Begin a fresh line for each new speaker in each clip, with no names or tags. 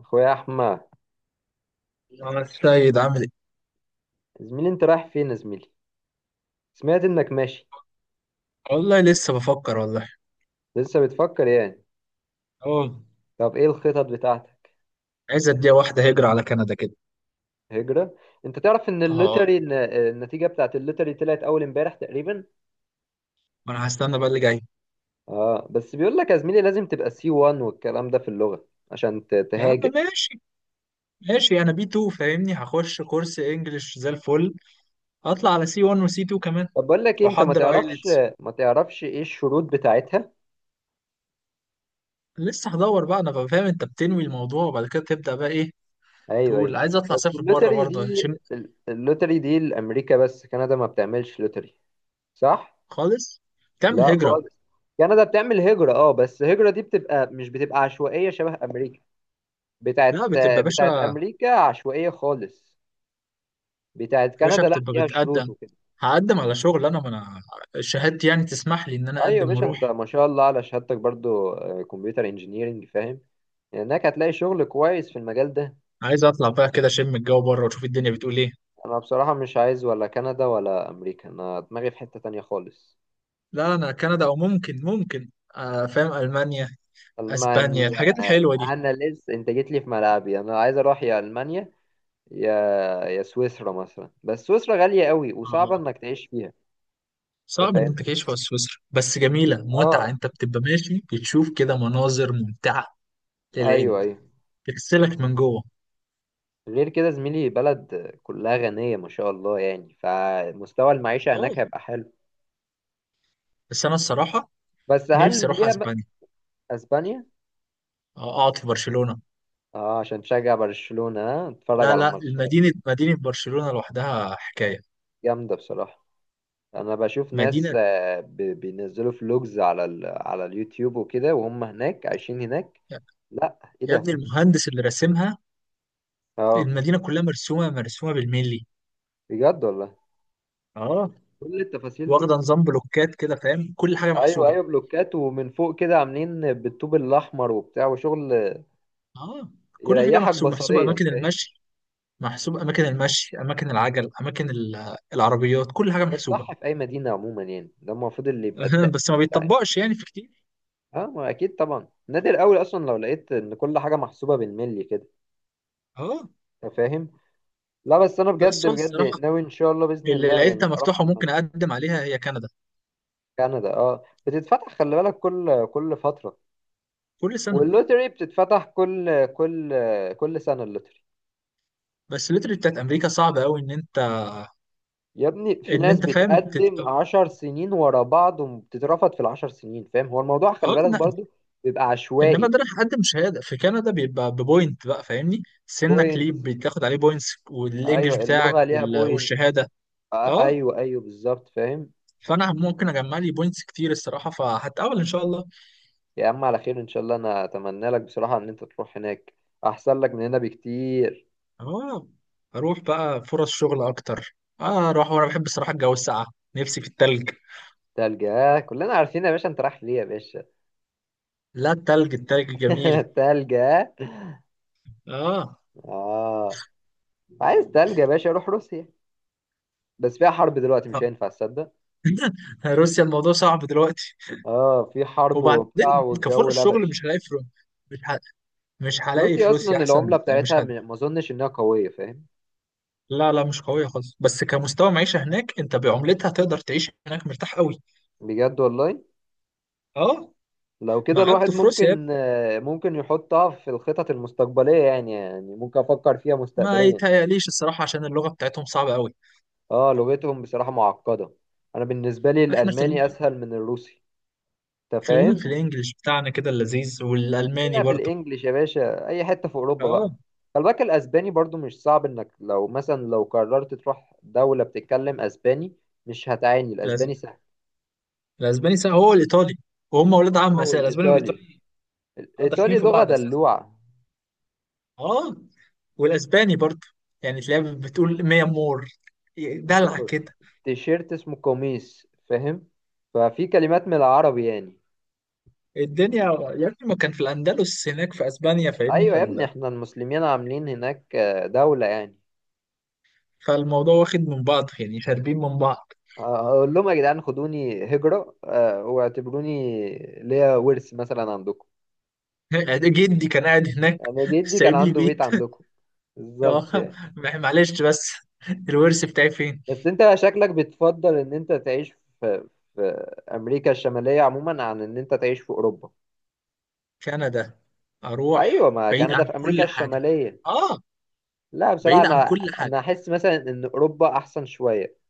اخويا احمد،
يا السيد عامل ايه؟
يا زميلي انت رايح فين يا زميلي؟ سمعت انك ماشي.
والله لسه بفكر والله.
لسه بتفكر يعني؟
اه.
طب ايه الخطط بتاعتك؟
عايز اديها واحدة هجرة على كندا كده.
هجرة؟ انت تعرف ان
اه،
اللوتري النتيجة بتاعت اللوتري طلعت اول امبارح تقريبا.
ما انا هستنى بقى اللي جاي.
اه، بس بيقول لك يا زميلي لازم تبقى سي 1 والكلام ده في اللغة عشان
يا عم
تهاجر.
ماشي، ماشي، انا بي 2 فاهمني، هخش كورس انجلش زي الفل، هطلع على سي 1 وسي 2 كمان
طب بقول لك إيه، انت ما
واحضر
تعرفش
ايلتس.
ما تعرفش ايه الشروط بتاعتها؟
لسه هدور بقى، انا بقى فاهم انت بتنوي الموضوع وبعد كده تبدأ بقى ايه،
ايوه
تقول
ايوه.
عايز اطلع
بس
اسافر بره
اللوتري
برضه
دي
هشم.
اللوتري دي لامريكا، بس كندا ما بتعملش لوتري، صح؟
خالص. تعمل
لا،
هجرة.
خالص. كندا بتعمل هجرة، اه، بس الهجرة دي مش بتبقى عشوائية شبه أمريكا.
لا،
بتاعت
بتبقى
بتاعت
باشا،
أمريكا عشوائية خالص. بتاعت
باشا،
كندا لا
بتبقى
فيها شروط
بتقدم،
وكده.
هقدم على شغل، انا ما انا شهادتي يعني تسمح لي ان انا
أيوة يا
اقدم
باشا، أنت
واروح.
ما شاء الله على شهادتك برضو، كمبيوتر انجينيرنج، فاهم؟ هناك هتلاقي شغل كويس في المجال ده.
عايز اطلع بقى كده اشم الجو بره واشوف الدنيا بتقول ايه.
أنا بصراحة مش عايز ولا كندا ولا أمريكا، أنا دماغي في حتة تانية خالص.
لا، انا كندا، او ممكن ممكن. فاهم، المانيا، اسبانيا،
ألمانيا؟
الحاجات الحلوه دي.
أنا لسه أنت جيت لي في ملعبي، أنا عايز أروح يا ألمانيا، يا يا سويسرا مثلا، بس سويسرا غالية قوي وصعبة
آه.
انك تعيش فيها. انت
صعب ان
فاهم؟
انت تعيش في سويسرا، بس جميله، متعه،
اه،
انت بتبقى ماشي بتشوف كده مناظر ممتعه
ايوه
للعين،
ايوه.
بتغسلك من جوه.
غير كده زميلي بلد كلها غنية ما شاء الله يعني، فمستوى المعيشة
اه
هناك هيبقى حلو.
بس انا الصراحه
بس
نفسي
هل
اروح
ليها بقى.
اسبانيا،
اسبانيا؟
آه، اقعد في برشلونه.
اه، عشان تشجع برشلونة ها اتفرج
لا
على
لا،
الماتشات؟
مدينه، مدينه برشلونه لوحدها حكايه.
جامدة بصراحة. انا بشوف ناس،
مدينه.
بينزلوا فلوجز على على اليوتيوب وكده وهم هناك عايشين هناك. لا، ايه
يا
ده؟
ابني المهندس اللي راسمها،
اه،
المدينه كلها مرسومه، مرسومه بالملي.
بجد والله.
اه،
كل التفاصيل دي.
واخده نظام بلوكات كده فاهم، كل حاجه
ايوه
محسوبه.
ايوه، بلوكات ومن فوق كده عاملين بالطوب الاحمر وبتاع وشغل.
اه، كل حاجه
يريحك
محسوبه، محسوبه،
بصريا،
اماكن
فاهم؟
المشي، محسوب اماكن المشي، اماكن العجل، اماكن العربيات، كل حاجه
ده
محسوبه.
الصح في اي مدينه عموما، يعني ده المفروض اللي يبقى
بس
التأثير
ما
بتاع أي مدينة.
بيتطبقش يعني في كتير.
اه، ما اكيد طبعا، نادر قوي اصلا لو لقيت ان كل حاجه محسوبه بالملي كده.
اه.
أنت فاهم؟ لا بس انا بجد
بس هو
بجد
الصراحه
ناوي ان شاء الله باذن
اللي
الله
لقيتها
يعني اروح
مفتوحه وممكن
المانيا.
اقدم عليها هي كندا.
كندا، اه، بتتفتح، خلي بالك، كل فتره.
كل سنه.
واللوتري بتتفتح كل سنه اللوتري.
بس الليتري بتاعت امريكا صعب قوي ان انت
يا ابني في
ان
ناس
انت فاهم
بتقدم 10 سنين ورا بعض وبتترفض في ال10 سنين، فاهم؟ هو الموضوع خلي
اه
بالك
إن-
برضو بيبقى
انما
عشوائي.
ده راح اقدم شهاده في كندا بيبقى ببوينت بقى فاهمني، سنك
بوينت؟
ليه بتاخد عليه بوينتس، والانجليش
ايوه، اللغة
بتاعك
ليها بوينت.
والشهاده. اه،
ايوه ايوه، بالظبط فاهم.
فانا ممكن اجمع لي بوينتس كتير الصراحه، فهتقابل ان شاء الله.
يا عم على خير ان شاء الله، انا اتمنى لك بصراحة ان انت تروح هناك، احسن لك من هنا بكتير.
هو اروح بقى فرص شغل اكتر، اه اروح وانا بحب الصراحه الجو الساقع، نفسي في التلج.
تلجة كلنا عارفين يا باشا، انت رايح ليه يا باشا؟
لا، التلج، التلج جميل.
تلجة.
اه.
اه. عايز تلجة يا باشا، روح روسيا، بس فيها حرب دلوقتي مش هينفع تصدق.
روسيا الموضوع صعب دلوقتي.
اه، في حرب وبتاع
وبعدين
والجو
كفرص شغل
لبش.
مش هلاقي في مش ه... مش هلاقي في
روسيا اصلا
روسيا احسن،
العمله
مش
بتاعتها
هد...
ما اظنش انها قويه، فاهم؟
لا لا، مش قويه خالص، بس كمستوى معيشه هناك انت بعملتها تقدر تعيش هناك مرتاح قوي.
بجد والله.
اه.
لو
ما
كده
عبده
الواحد
في روسيا،
ممكن، ممكن يحطها في الخطط المستقبليه يعني، يعني ممكن افكر فيها
ما
مستقبليا.
يتهيأليش الصراحه عشان اللغه بتاعتهم صعبه قوي.
اه، لغتهم بصراحه معقده. انا بالنسبه لي
احنا خلينا،
الالماني اسهل من الروسي. انت
خلينا
فاهم؟
في الانجليش بتاعنا كده اللذيذ، والالماني
خلينا في
برضه.
الانجليش يا باشا، اي حته في اوروبا
اه.
بقى. خلي بالك الاسباني برضو مش صعب انك لو مثلا لو قررت تروح دوله بتتكلم اسباني، مش هتعاني،
الأس-
الاسباني سهل.
الاسباني سهل، هو الايطالي وهم اولاد عم
هو
اساسا، الاسباني
والايطالي.
والايطالي آه، داخلين
الايطالي
في
لغه
بعض اساسا.
دلوعه.
اه، والاسباني برضه، يعني تلاقيها بتقول ميا مور، دلع كده.
تيشيرت اسمه قميص، فاهم؟ ففي كلمات من العربي يعني.
الدنيا يا ابني ما كان في الاندلس هناك في اسبانيا فاهمني،
ايوه يا ابني، احنا المسلمين عاملين هناك، دولة يعني.
فالموضوع واخد من بعض يعني، شاربين من بعض.
هقول لهم يا جدعان خدوني هجرة، واعتبروني ليا ورث مثلا عندكم.
جدي كان قاعد هناك،
انا جدي كان
سايب لي
عنده بيت
بيت.
عندكم، بالظبط
آه،
يعني.
معلش بس الورث بتاعي فين؟
بس انت شكلك بتفضل ان انت تعيش في في امريكا الشمالية عموما عن ان انت تعيش في اوروبا.
كندا،
ايوه،
اروح
ما
بعيد
كندا
عن
في امريكا
كل حاجه.
الشمالية.
اه،
لا بصراحة
بعيد عن
انا
كل
انا
حاجه.
احس مثلا ان اوروبا احسن شوية.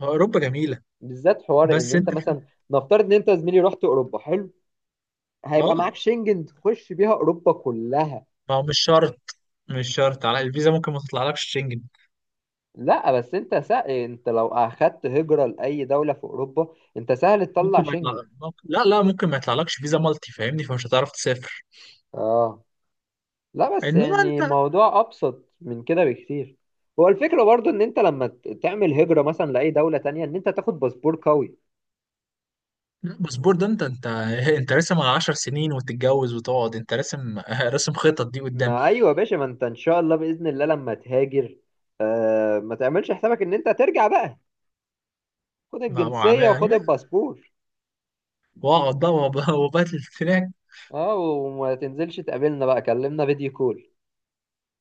هو اوروبا جميله،
بالذات حوار ان
بس
انت
انت في...
مثلا نفترض ان انت يا زميلي رحت اوروبا، حلو هيبقى
اه
معاك شنجن تخش بيها اوروبا كلها.
ما هو مش شرط، مش شرط على الفيزا ممكن ما تطلعلكش شنجن.
لا بس انت سهل، انت لو اخدت هجرة لاي دولة في اوروبا انت سهل تطلع
ممكن ما يطلع،
شنجن.
لا لا ممكن ما يطلعلكش فيزا مالتي فاهمني، فمش هتعرف تسافر.
اه، لا بس
انما انت
يعني
لا،
موضوع ابسط من كده بكتير. هو الفكرة برضو ان انت لما تعمل هجرة مثلا لاي دولة تانية، ان انت تاخد باسبور قوي.
الباسبور ده انت انت راسم على 10 سنين وتتجوز وتقعد، انت راسم راسم خطط دي قدام.
ما ايوه يا باشا، ما انت ان شاء الله باذن الله لما تهاجر، ما تعملش حسابك ان انت ترجع بقى، خد
مع مع
الجنسية وخد
مع-
الباسبور.
واقعد بقى وباتل هناك،
اه، وما تنزلش تقابلنا بقى، كلمنا فيديو كول.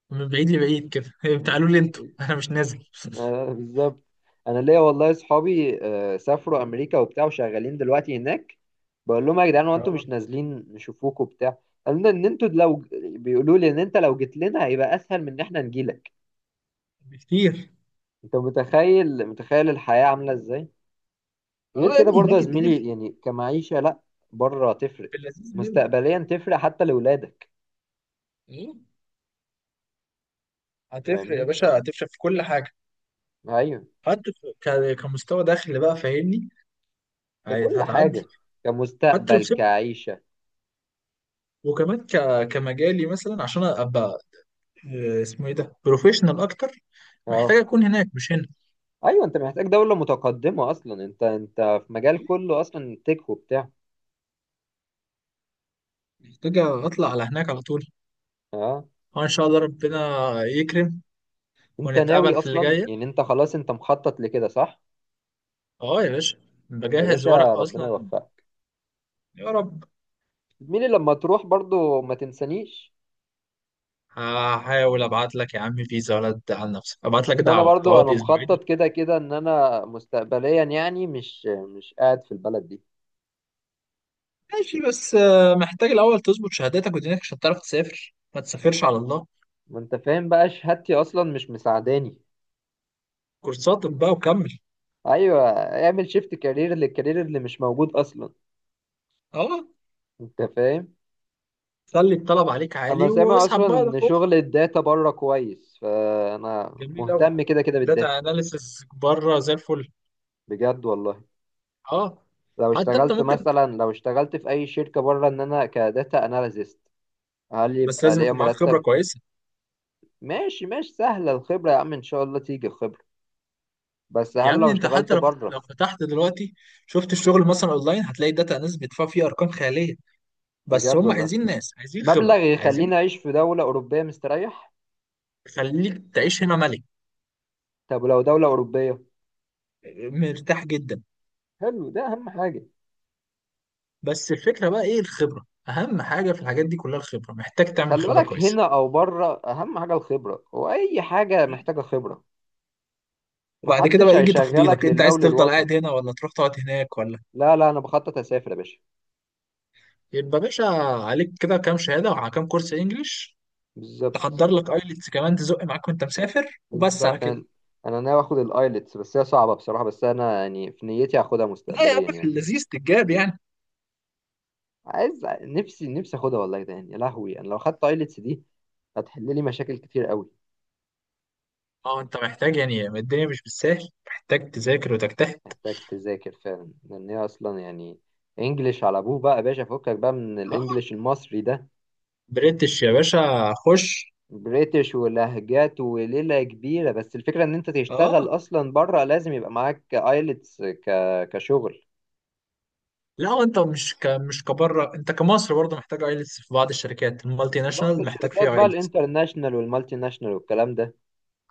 من بعيد لبعيد كده تعالوا لي انتوا انا مش نازل.
بالظبط. انا ليا والله اصحابي، سافروا امريكا وبتاع وشغالين دلوقتي هناك. بقول لهم يا جدعان هو انتوا مش نازلين نشوفوكوا وبتاع. قالوا لنا ان انتوا لو، بيقولوا لي ان انت لو جيت لنا هيبقى اسهل من ان احنا نجيلك.
بكتير.
انت متخيل متخيل الحياة عاملة ازاي؟
اه
غير
يا
كده
ابني
برضه يا
هناك الدنيا
زميلي
في،
يعني، كمعيشة لا بره تفرق.
في اللذيذ منه.
مستقبليا تفرق حتى لولادك،
ايه، هتفرق يا
فاهمني؟
باشا، هتفرق في كل حاجه،
ايوه،
حتى كمستوى دخل بقى فاهمني،
ككل
هتعدي
حاجة
حتى لو
كمستقبل
سبت.
كعيشة.
وكمان ك... كمجالي مثلا عشان ابقى آه، اسمه ايه ده، بروفيشنال اكتر، محتاج
اه،
اكون هناك مش هنا.
ايوه، انت محتاج دولة متقدمة اصلا، انت في مجال كله اصلا تك وبتاع.
محتاج اطلع على هناك على طول.
اه،
اه، ان شاء الله ربنا يكرم
انت ناوي
ونتقابل في اللي
اصلا
جايه.
يعني انت خلاص انت مخطط لكده، صح؟
اه يا باشا،
يا
بجهز
باشا
ورق
ربنا
اصلا.
يوفقك.
يا رب.
مين لما تروح برضو ما تنسانيش.
هحاول ابعت لك يا عم فيزا، ولا تزعل نفسك ابعت لك
اصل انا
دعوه
برضو
تقعد
انا
اسبوعين.
مخطط كده كده ان انا مستقبليا يعني، مش قاعد في البلد دي.
ماشي، بس آه، محتاج الاول تظبط شهاداتك ودينك عشان تعرف تسافر، ما تسافرش على الله.
ما انت فاهم بقى شهادتي اصلا مش مساعداني.
كورساتك بقى وكمل.
ايوه، اعمل شيفت كارير للكارير اللي مش موجود اصلا.
اه،
انت فاهم؟
خلي الطلب عليك
انا
عالي
سامع
واسحب
اصلا
بقى، ده
ان
خطوة.
شغل الداتا بره كويس، فانا
جميل قوي،
مهتم كده كده
داتا
بالداتا.
اناليسز بره زي الفل.
بجد والله.
اه.
لو
حتى انت
اشتغلت
ممكن،
مثلا لو اشتغلت في اي شركه بره ان انا كداتا اناليست، هل
بس
يبقى
لازم
ليا
يكون معاك خبره
مرتب؟
كويسه.
ماشي ماشي سهله الخبره يا عم، ان شاء الله تيجي الخبره. بس
يا
هل لو
ابني انت
اشتغلت
حتى لو، لو
بره؟
فتحت دلوقتي شفت الشغل مثلا اونلاين هتلاقي داتا اناليسز بيدفعوا فيه ارقام خياليه، بس
بجد
هم
والله،
عايزين ناس، عايزين
مبلغ
خبره، عايزين.
يخليني اعيش في دوله اوروبيه مستريح؟
خليك تعيش هنا ملك،
طب لو دوله اوروبيه،
مرتاح جدا.
حلو، ده اهم حاجه.
بس الفكرة بقى ايه، الخبرة اهم حاجة في الحاجات دي كلها، الخبرة، محتاج تعمل
خلي
خبرة
بالك
كويسة.
هنا او بره اهم حاجه الخبره، واي حاجه محتاجه خبره.
وبعد كده
محدش
بقى يجي
هيشغلك
تفضيلك، انت
لله
عايز تفضل
وللوطن.
قاعد هنا ولا تروح تقعد هناك ولا.
لا لا انا بخطط اسافر يا باشا،
يبقى باشا، عليك كده كام شهادة وعلى كام كورس انجليش،
بالظبط.
تحضر لك ايلتس كمان تزق معاك وانت مسافر، وبس على
بالظبط
كده.
انا ناوي اخد الايلتس، بس هي صعبه بصراحه، بس انا يعني في نيتي هاخدها
لا يا عم،
مستقبليا
في
يعني.
اللذيذ تتجاب يعني.
عايز نفسي نفسي اخدها والله، ده يعني يا لهوي، انا لو خدت ايلتس دي هتحل لي مشاكل كتير قوي.
اه انت محتاج يعني، الدنيا مش بالسهل، محتاج تذاكر وتجتهد.
محتاج تذاكر فعلا لان هي اصلا يعني انجليش على ابوه بقى يا باشا، فكك بقى من
اه،
الانجليش المصري ده.
بريتش يا باشا خش.
بريتش ولهجات وليلة كبيرة، بس الفكرة ان انت
اه،
تشتغل اصلا بره لازم يبقى معاك ايلتس كشغل.
لا هو انت مش ك... مش كبره، انت كمصر برضه محتاج ايلتس، في بعض الشركات المالتي
في بعض
ناشونال محتاج
الشركات
فيها
بقى
ايلتس.
الانترناشنال والمالتي ناشنال والكلام ده،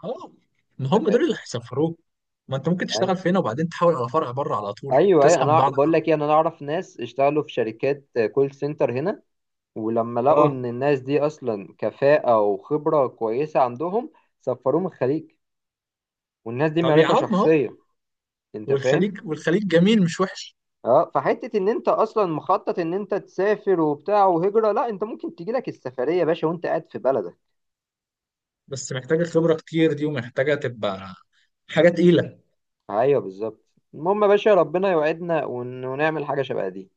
اه، ما
انت
هم دول اللي
فاهمني؟
هيسفروك، ما انت ممكن
أي-
تشتغل في هنا وبعدين تحاول على فرع بره على طول،
ايوه ايوه،
تسحب من
انا
بعضك
بقول
على
لك
طول.
ايه، انا اعرف ناس اشتغلوا في شركات كول سنتر هنا، ولما لقوا
اه،
ان الناس دي اصلا كفاءة وخبرة كويسة عندهم سفروهم الخليج، والناس دي
طب يا
معرفة
عم اهو،
شخصية، انت فاهم؟
والخليج، والخليج جميل مش وحش.
اه، فحته ان انت اصلا مخطط ان انت تسافر وبتاع وهجره، لا انت ممكن تجي لك السفريه يا باشا وانت قاعد في بلدك.
بس محتاجه خبره كتير دي، ومحتاجه تبقى حاجه تقيله.
ايوه بالظبط. المهم يا باشا، ربنا يوعدنا ونعمل حاجه شبه دي.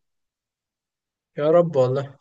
يا رب والله.